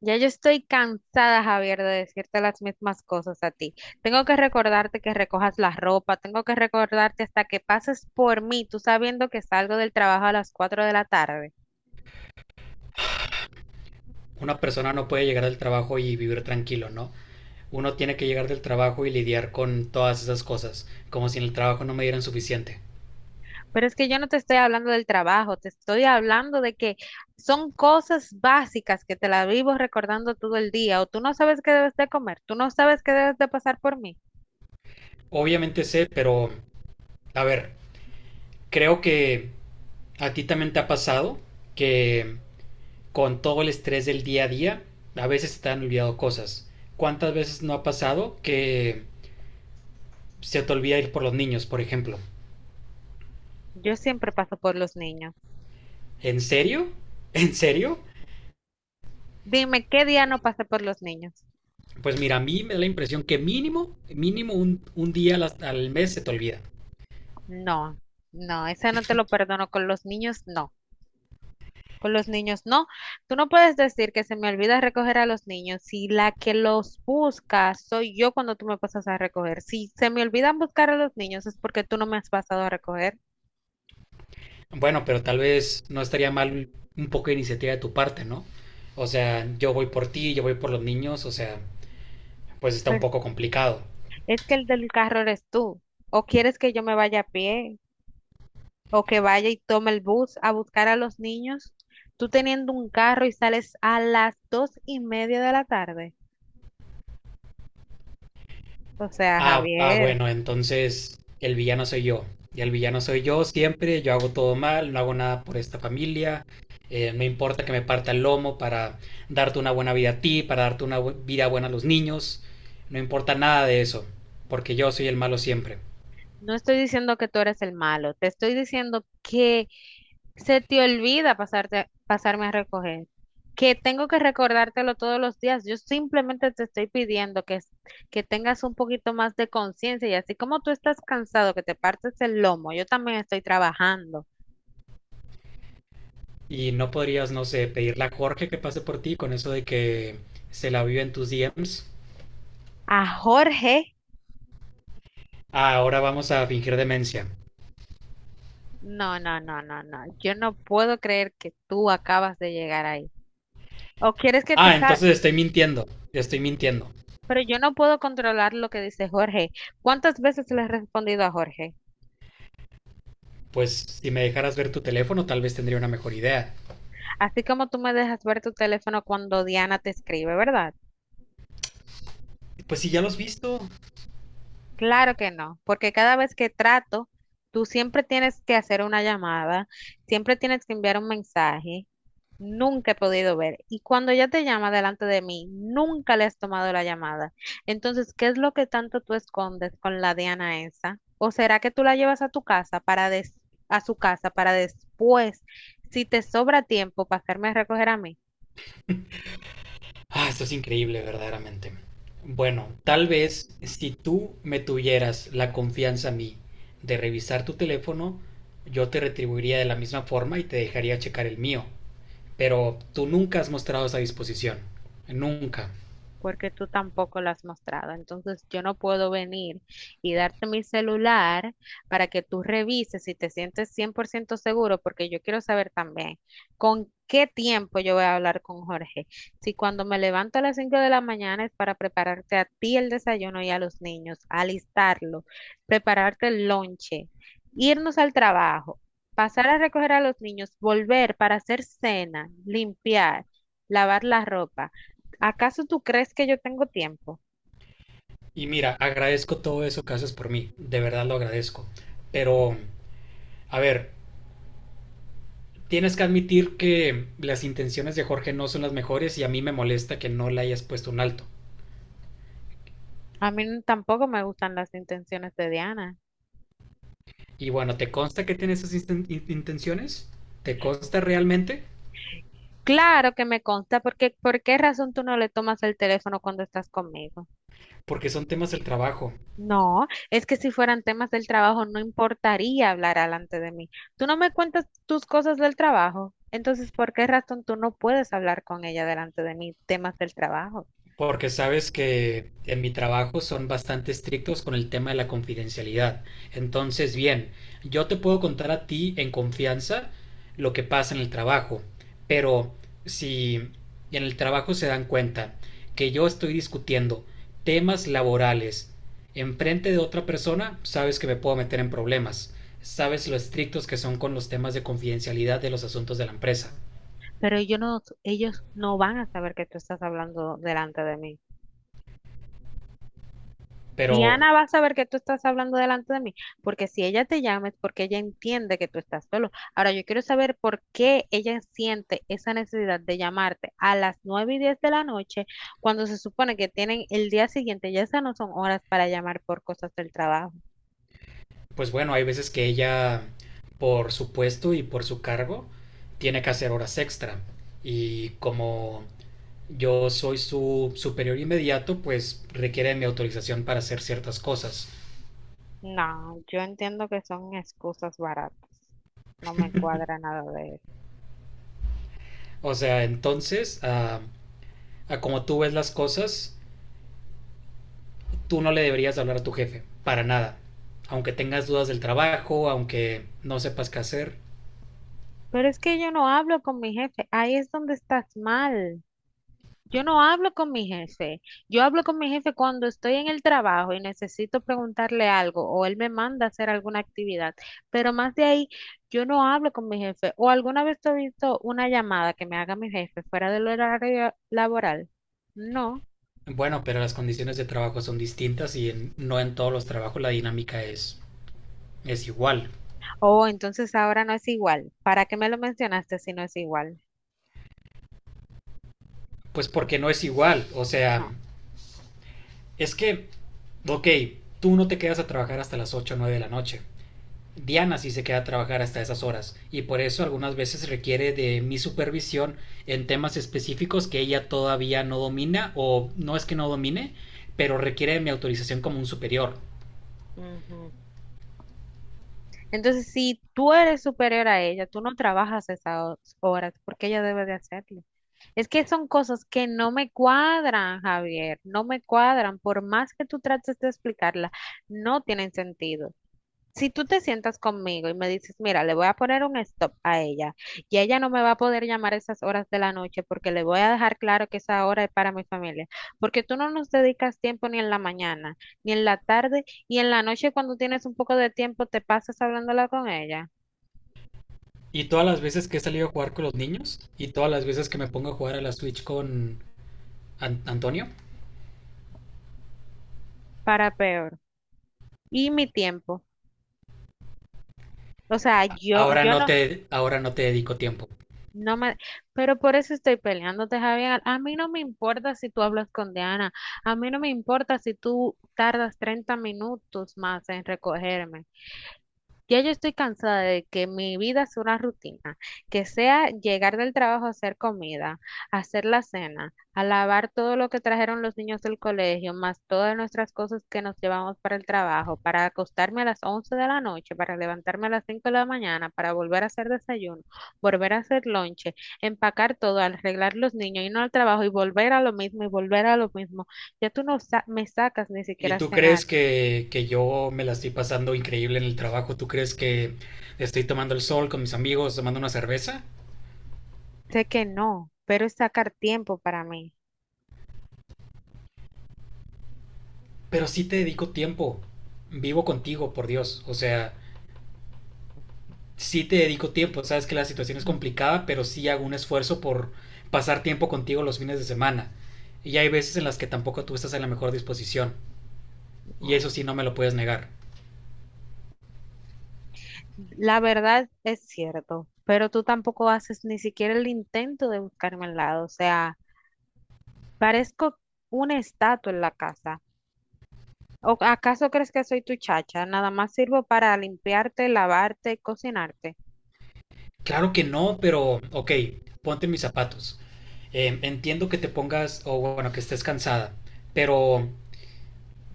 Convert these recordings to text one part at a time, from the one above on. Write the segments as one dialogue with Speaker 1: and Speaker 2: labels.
Speaker 1: Ya yo estoy cansada, Javier, de decirte las mismas cosas a ti. Tengo que recordarte que recojas la ropa, tengo que recordarte hasta que pases por mí, tú sabiendo que salgo del trabajo a las 4 de la tarde.
Speaker 2: Una persona no puede llegar del trabajo y vivir tranquilo, ¿no? Uno tiene que llegar del trabajo y lidiar con todas esas cosas, como si en el trabajo no me dieran suficiente.
Speaker 1: Pero es que yo no te estoy hablando del trabajo, te estoy hablando de que son cosas básicas que te las vivo recordando todo el día, o tú no sabes qué debes de comer, tú no sabes qué debes de pasar por mí.
Speaker 2: Obviamente sé, pero a ver, creo que a ti también te ha pasado que con todo el estrés del día a día, a veces se te han olvidado cosas. ¿Cuántas veces no ha pasado que se te olvida ir por los niños, por ejemplo?
Speaker 1: Yo siempre paso por los niños.
Speaker 2: ¿En serio? ¿En serio?
Speaker 1: Dime, ¿qué día no pasé por los niños?
Speaker 2: Pues mira, a mí me da la impresión que mínimo, mínimo un día al mes se te olvida.
Speaker 1: No, no, ese no te lo perdono con los niños, no. Con los niños, no. Tú no puedes decir que se me olvida recoger a los niños si la que los busca soy yo cuando tú me pasas a recoger. Si se me olvidan buscar a los niños es porque tú no me has pasado a recoger.
Speaker 2: Bueno, pero tal vez no estaría mal un poco de iniciativa de tu parte, ¿no? O sea, yo voy por ti, yo voy por los niños, o sea, pues está un
Speaker 1: Pero
Speaker 2: poco complicado.
Speaker 1: es que el del carro eres tú. O quieres que yo me vaya a pie o que vaya y tome el bus a buscar a los niños. Tú teniendo un carro y sales a las 2:30 de la tarde. O sea, Javier.
Speaker 2: Bueno, entonces el villano soy yo. Y el villano soy yo siempre, yo hago todo mal, no hago nada por esta familia, me importa que me parta el lomo para darte una buena vida a ti, para darte una vida buena a los niños, no importa nada de eso, porque yo soy el malo siempre.
Speaker 1: No estoy diciendo que tú eres el malo, te estoy diciendo que se te olvida pasarte, pasarme a recoger, que tengo que recordártelo todos los días. Yo simplemente te estoy pidiendo que, que tengas un poquito más de conciencia y así como tú estás cansado, que te partes el lomo, yo también estoy trabajando.
Speaker 2: Y no podrías, no sé, pedirle a Jorge que pase por ti con eso de que se la vive en tus DMs.
Speaker 1: A Jorge,
Speaker 2: Ah, ahora vamos a fingir demencia.
Speaker 1: no, no, no, no, no. Yo no puedo creer que tú acabas de llegar ahí. O quieres que te
Speaker 2: Ah,
Speaker 1: está,
Speaker 2: entonces estoy mintiendo, estoy mintiendo.
Speaker 1: pero yo no puedo controlar lo que dice Jorge. ¿Cuántas veces le has respondido a Jorge?
Speaker 2: Pues si me dejaras ver tu teléfono, tal vez tendría una mejor idea.
Speaker 1: Así como tú me dejas ver tu teléfono cuando Diana te escribe, ¿verdad?
Speaker 2: Pues si ya lo has visto.
Speaker 1: Claro que no, porque cada vez que trato, tú siempre tienes que hacer una llamada, siempre tienes que enviar un mensaje. Nunca he podido ver. Y cuando ella te llama delante de mí, nunca le has tomado la llamada. Entonces, ¿qué es lo que tanto tú escondes con la Diana esa? ¿O será que tú la llevas a tu casa para a su casa para después, si te sobra tiempo, pasarme a recoger a mí?
Speaker 2: Ah, esto es increíble, verdaderamente. Bueno, tal vez si tú me tuvieras la confianza a mí de revisar tu teléfono, yo te retribuiría de la misma forma y te dejaría checar el mío. Pero tú nunca has mostrado esa disposición. Nunca.
Speaker 1: Porque tú tampoco la has mostrado. Entonces yo no puedo venir y darte mi celular para que tú revises si te sientes 100% seguro, porque yo quiero saber también con qué tiempo yo voy a hablar con Jorge. Si cuando me levanto a las 5 de la mañana es para prepararte a ti el desayuno y a los niños, alistarlo, prepararte el lonche, irnos al trabajo. Pasar a recoger a los niños, volver para hacer cena, limpiar, lavar la ropa. ¿Acaso tú crees que yo tengo tiempo?
Speaker 2: Y mira, agradezco todo eso que haces por mí. De verdad lo agradezco. Pero, a ver, tienes que admitir que las intenciones de Jorge no son las mejores y a mí me molesta que no le hayas puesto un alto.
Speaker 1: A mí tampoco me gustan las intenciones de Diana.
Speaker 2: Y bueno, ¿te consta que tiene esas intenciones? ¿Te consta realmente?
Speaker 1: Claro que me consta, porque ¿por qué razón tú no le tomas el teléfono cuando estás conmigo?
Speaker 2: Porque son temas del trabajo.
Speaker 1: No, es que si fueran temas del trabajo no importaría hablar delante de mí. Tú no me cuentas tus cosas del trabajo, entonces ¿por qué razón tú no puedes hablar con ella delante de mí temas del trabajo?
Speaker 2: Porque sabes que en mi trabajo son bastante estrictos con el tema de la confidencialidad. Entonces, bien, yo te puedo contar a ti en confianza lo que pasa en el trabajo, pero si en el trabajo se dan cuenta que yo estoy discutiendo temas laborales enfrente de otra persona, sabes que me puedo meter en problemas. Sabes lo estrictos que son con los temas de confidencialidad de los asuntos de la empresa.
Speaker 1: Pero yo no, ellos no van a saber que tú estás hablando delante de mí.
Speaker 2: Pero
Speaker 1: Diana va a saber que tú estás hablando delante de mí, porque si ella te llama es porque ella entiende que tú estás solo. Ahora, yo quiero saber por qué ella siente esa necesidad de llamarte a las 9:10 de la noche, cuando se supone que tienen el día siguiente, ya esas no son horas para llamar por cosas del trabajo.
Speaker 2: pues bueno, hay veces que ella, por su puesto y por su cargo, tiene que hacer horas extra. Y como yo soy su superior inmediato, pues requiere mi autorización para hacer ciertas cosas.
Speaker 1: No, yo entiendo que son excusas baratas. No me cuadra nada de eso.
Speaker 2: O sea, entonces, a como tú ves las cosas, tú no le deberías hablar a tu jefe, para nada. Aunque tengas dudas del trabajo, aunque no sepas qué hacer.
Speaker 1: Pero es que yo no hablo con mi jefe, ahí es donde estás mal. Yo no hablo con mi jefe. Yo hablo con mi jefe cuando estoy en el trabajo y necesito preguntarle algo o él me manda a hacer alguna actividad. Pero más de ahí, yo no hablo con mi jefe. ¿O alguna vez te he visto una llamada que me haga mi jefe fuera del horario laboral? No.
Speaker 2: Bueno, pero las condiciones de trabajo son distintas y no en todos los trabajos la dinámica es igual.
Speaker 1: Oh, entonces ahora no es igual. ¿Para qué me lo mencionaste si no es igual?
Speaker 2: Pues porque no es igual. O sea,
Speaker 1: No.
Speaker 2: es que, ok, tú no te quedas a trabajar hasta las 8 o 9 de la noche. Diana sí se queda a trabajar hasta esas horas y por eso algunas veces requiere de mi supervisión en temas específicos que ella todavía no domina o no es que no domine, pero requiere de mi autorización como un superior.
Speaker 1: Ujú. Entonces, si tú eres superior a ella, tú no trabajas esas horas porque ella debe de hacerlo. Es que son cosas que no me cuadran, Javier, no me cuadran. Por más que tú trates de explicarla, no tienen sentido. Si tú te sientas conmigo y me dices, mira, le voy a poner un stop a ella y ella no me va a poder llamar a esas horas de la noche porque le voy a dejar claro que esa hora es para mi familia, porque tú no nos dedicas tiempo ni en la mañana, ni en la tarde y en la noche cuando tienes un poco de tiempo te pasas hablándola con ella,
Speaker 2: Y todas las veces que he salido a jugar con los niños y todas las veces que me pongo a jugar a la Switch con Antonio,
Speaker 1: para peor. Y mi tiempo. O sea, yo, yo no.
Speaker 2: ahora no te dedico tiempo.
Speaker 1: No me, pero por eso estoy peleándote, Javier. A mí no me importa si tú hablas con Diana. A mí no me importa si tú tardas 30 minutos más en recogerme. Ya yo estoy cansada de que mi vida sea una rutina, que sea llegar del trabajo a hacer comida, a hacer la cena, a lavar todo lo que trajeron los niños del colegio, más todas nuestras cosas que nos llevamos para el trabajo, para acostarme a las 11 de la noche, para levantarme a las 5 de la mañana, para volver a hacer desayuno, volver a hacer lonche, empacar todo, arreglar los niños, irnos al trabajo y volver a lo mismo y volver a lo mismo. Ya tú no me sacas ni
Speaker 2: ¿Y
Speaker 1: siquiera a
Speaker 2: tú
Speaker 1: cenar.
Speaker 2: crees que yo me la estoy pasando increíble en el trabajo? ¿Tú crees que estoy tomando el sol con mis amigos, tomando una cerveza?
Speaker 1: Sé que no, pero es sacar tiempo para mí.
Speaker 2: Pero sí te dedico tiempo. Vivo contigo, por Dios. O sea, sí te dedico tiempo. Sabes que la situación es complicada, pero sí hago un esfuerzo por pasar tiempo contigo los fines de semana. Y hay veces en las que tampoco tú estás en la mejor disposición. Y eso
Speaker 1: No.
Speaker 2: sí no me lo puedes negar.
Speaker 1: La verdad es cierto, pero tú tampoco haces ni siquiera el intento de buscarme al lado. O sea, parezco una estatua en la casa. ¿O acaso crees que soy tu chacha? Nada más sirvo para limpiarte, lavarte, cocinarte.
Speaker 2: Claro que no, pero ok, ponte mis zapatos. Entiendo que te pongas, o bueno, que estés cansada, pero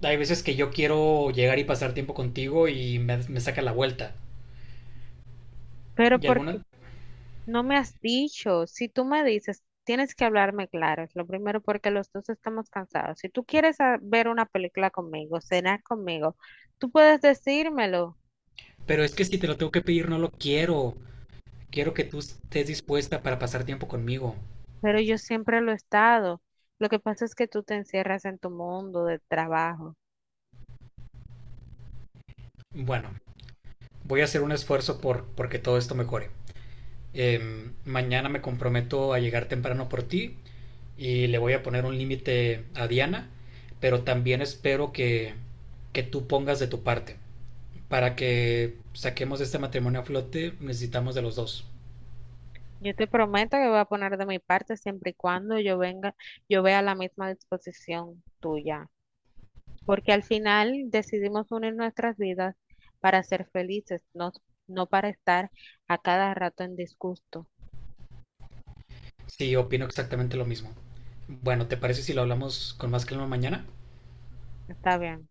Speaker 2: hay veces que yo quiero llegar y pasar tiempo contigo y me saca la vuelta.
Speaker 1: Pero
Speaker 2: ¿Y alguna?
Speaker 1: porque no me has dicho, si tú me dices, tienes que hablarme claro. Es lo primero porque los dos estamos cansados. Si tú quieres ver una película conmigo, cenar conmigo, tú puedes decírmelo.
Speaker 2: Pero es que si te lo tengo que pedir, no lo quiero. Quiero que tú estés dispuesta para pasar tiempo conmigo.
Speaker 1: Pero yo siempre lo he estado. Lo que pasa es que tú te encierras en tu mundo de trabajo.
Speaker 2: Bueno, voy a hacer un esfuerzo por porque todo esto mejore. Mañana me comprometo a llegar temprano por ti y le voy a poner un límite a Diana, pero también espero que tú pongas de tu parte. Para que saquemos este matrimonio a flote, necesitamos de los dos.
Speaker 1: Yo te prometo que voy a poner de mi parte siempre y cuando yo venga, yo vea la misma disposición tuya, porque al final decidimos unir nuestras vidas para ser felices, no, no para estar a cada rato en disgusto.
Speaker 2: Sí, opino exactamente lo mismo. Bueno, ¿te parece si lo hablamos con más calma mañana?
Speaker 1: Está bien.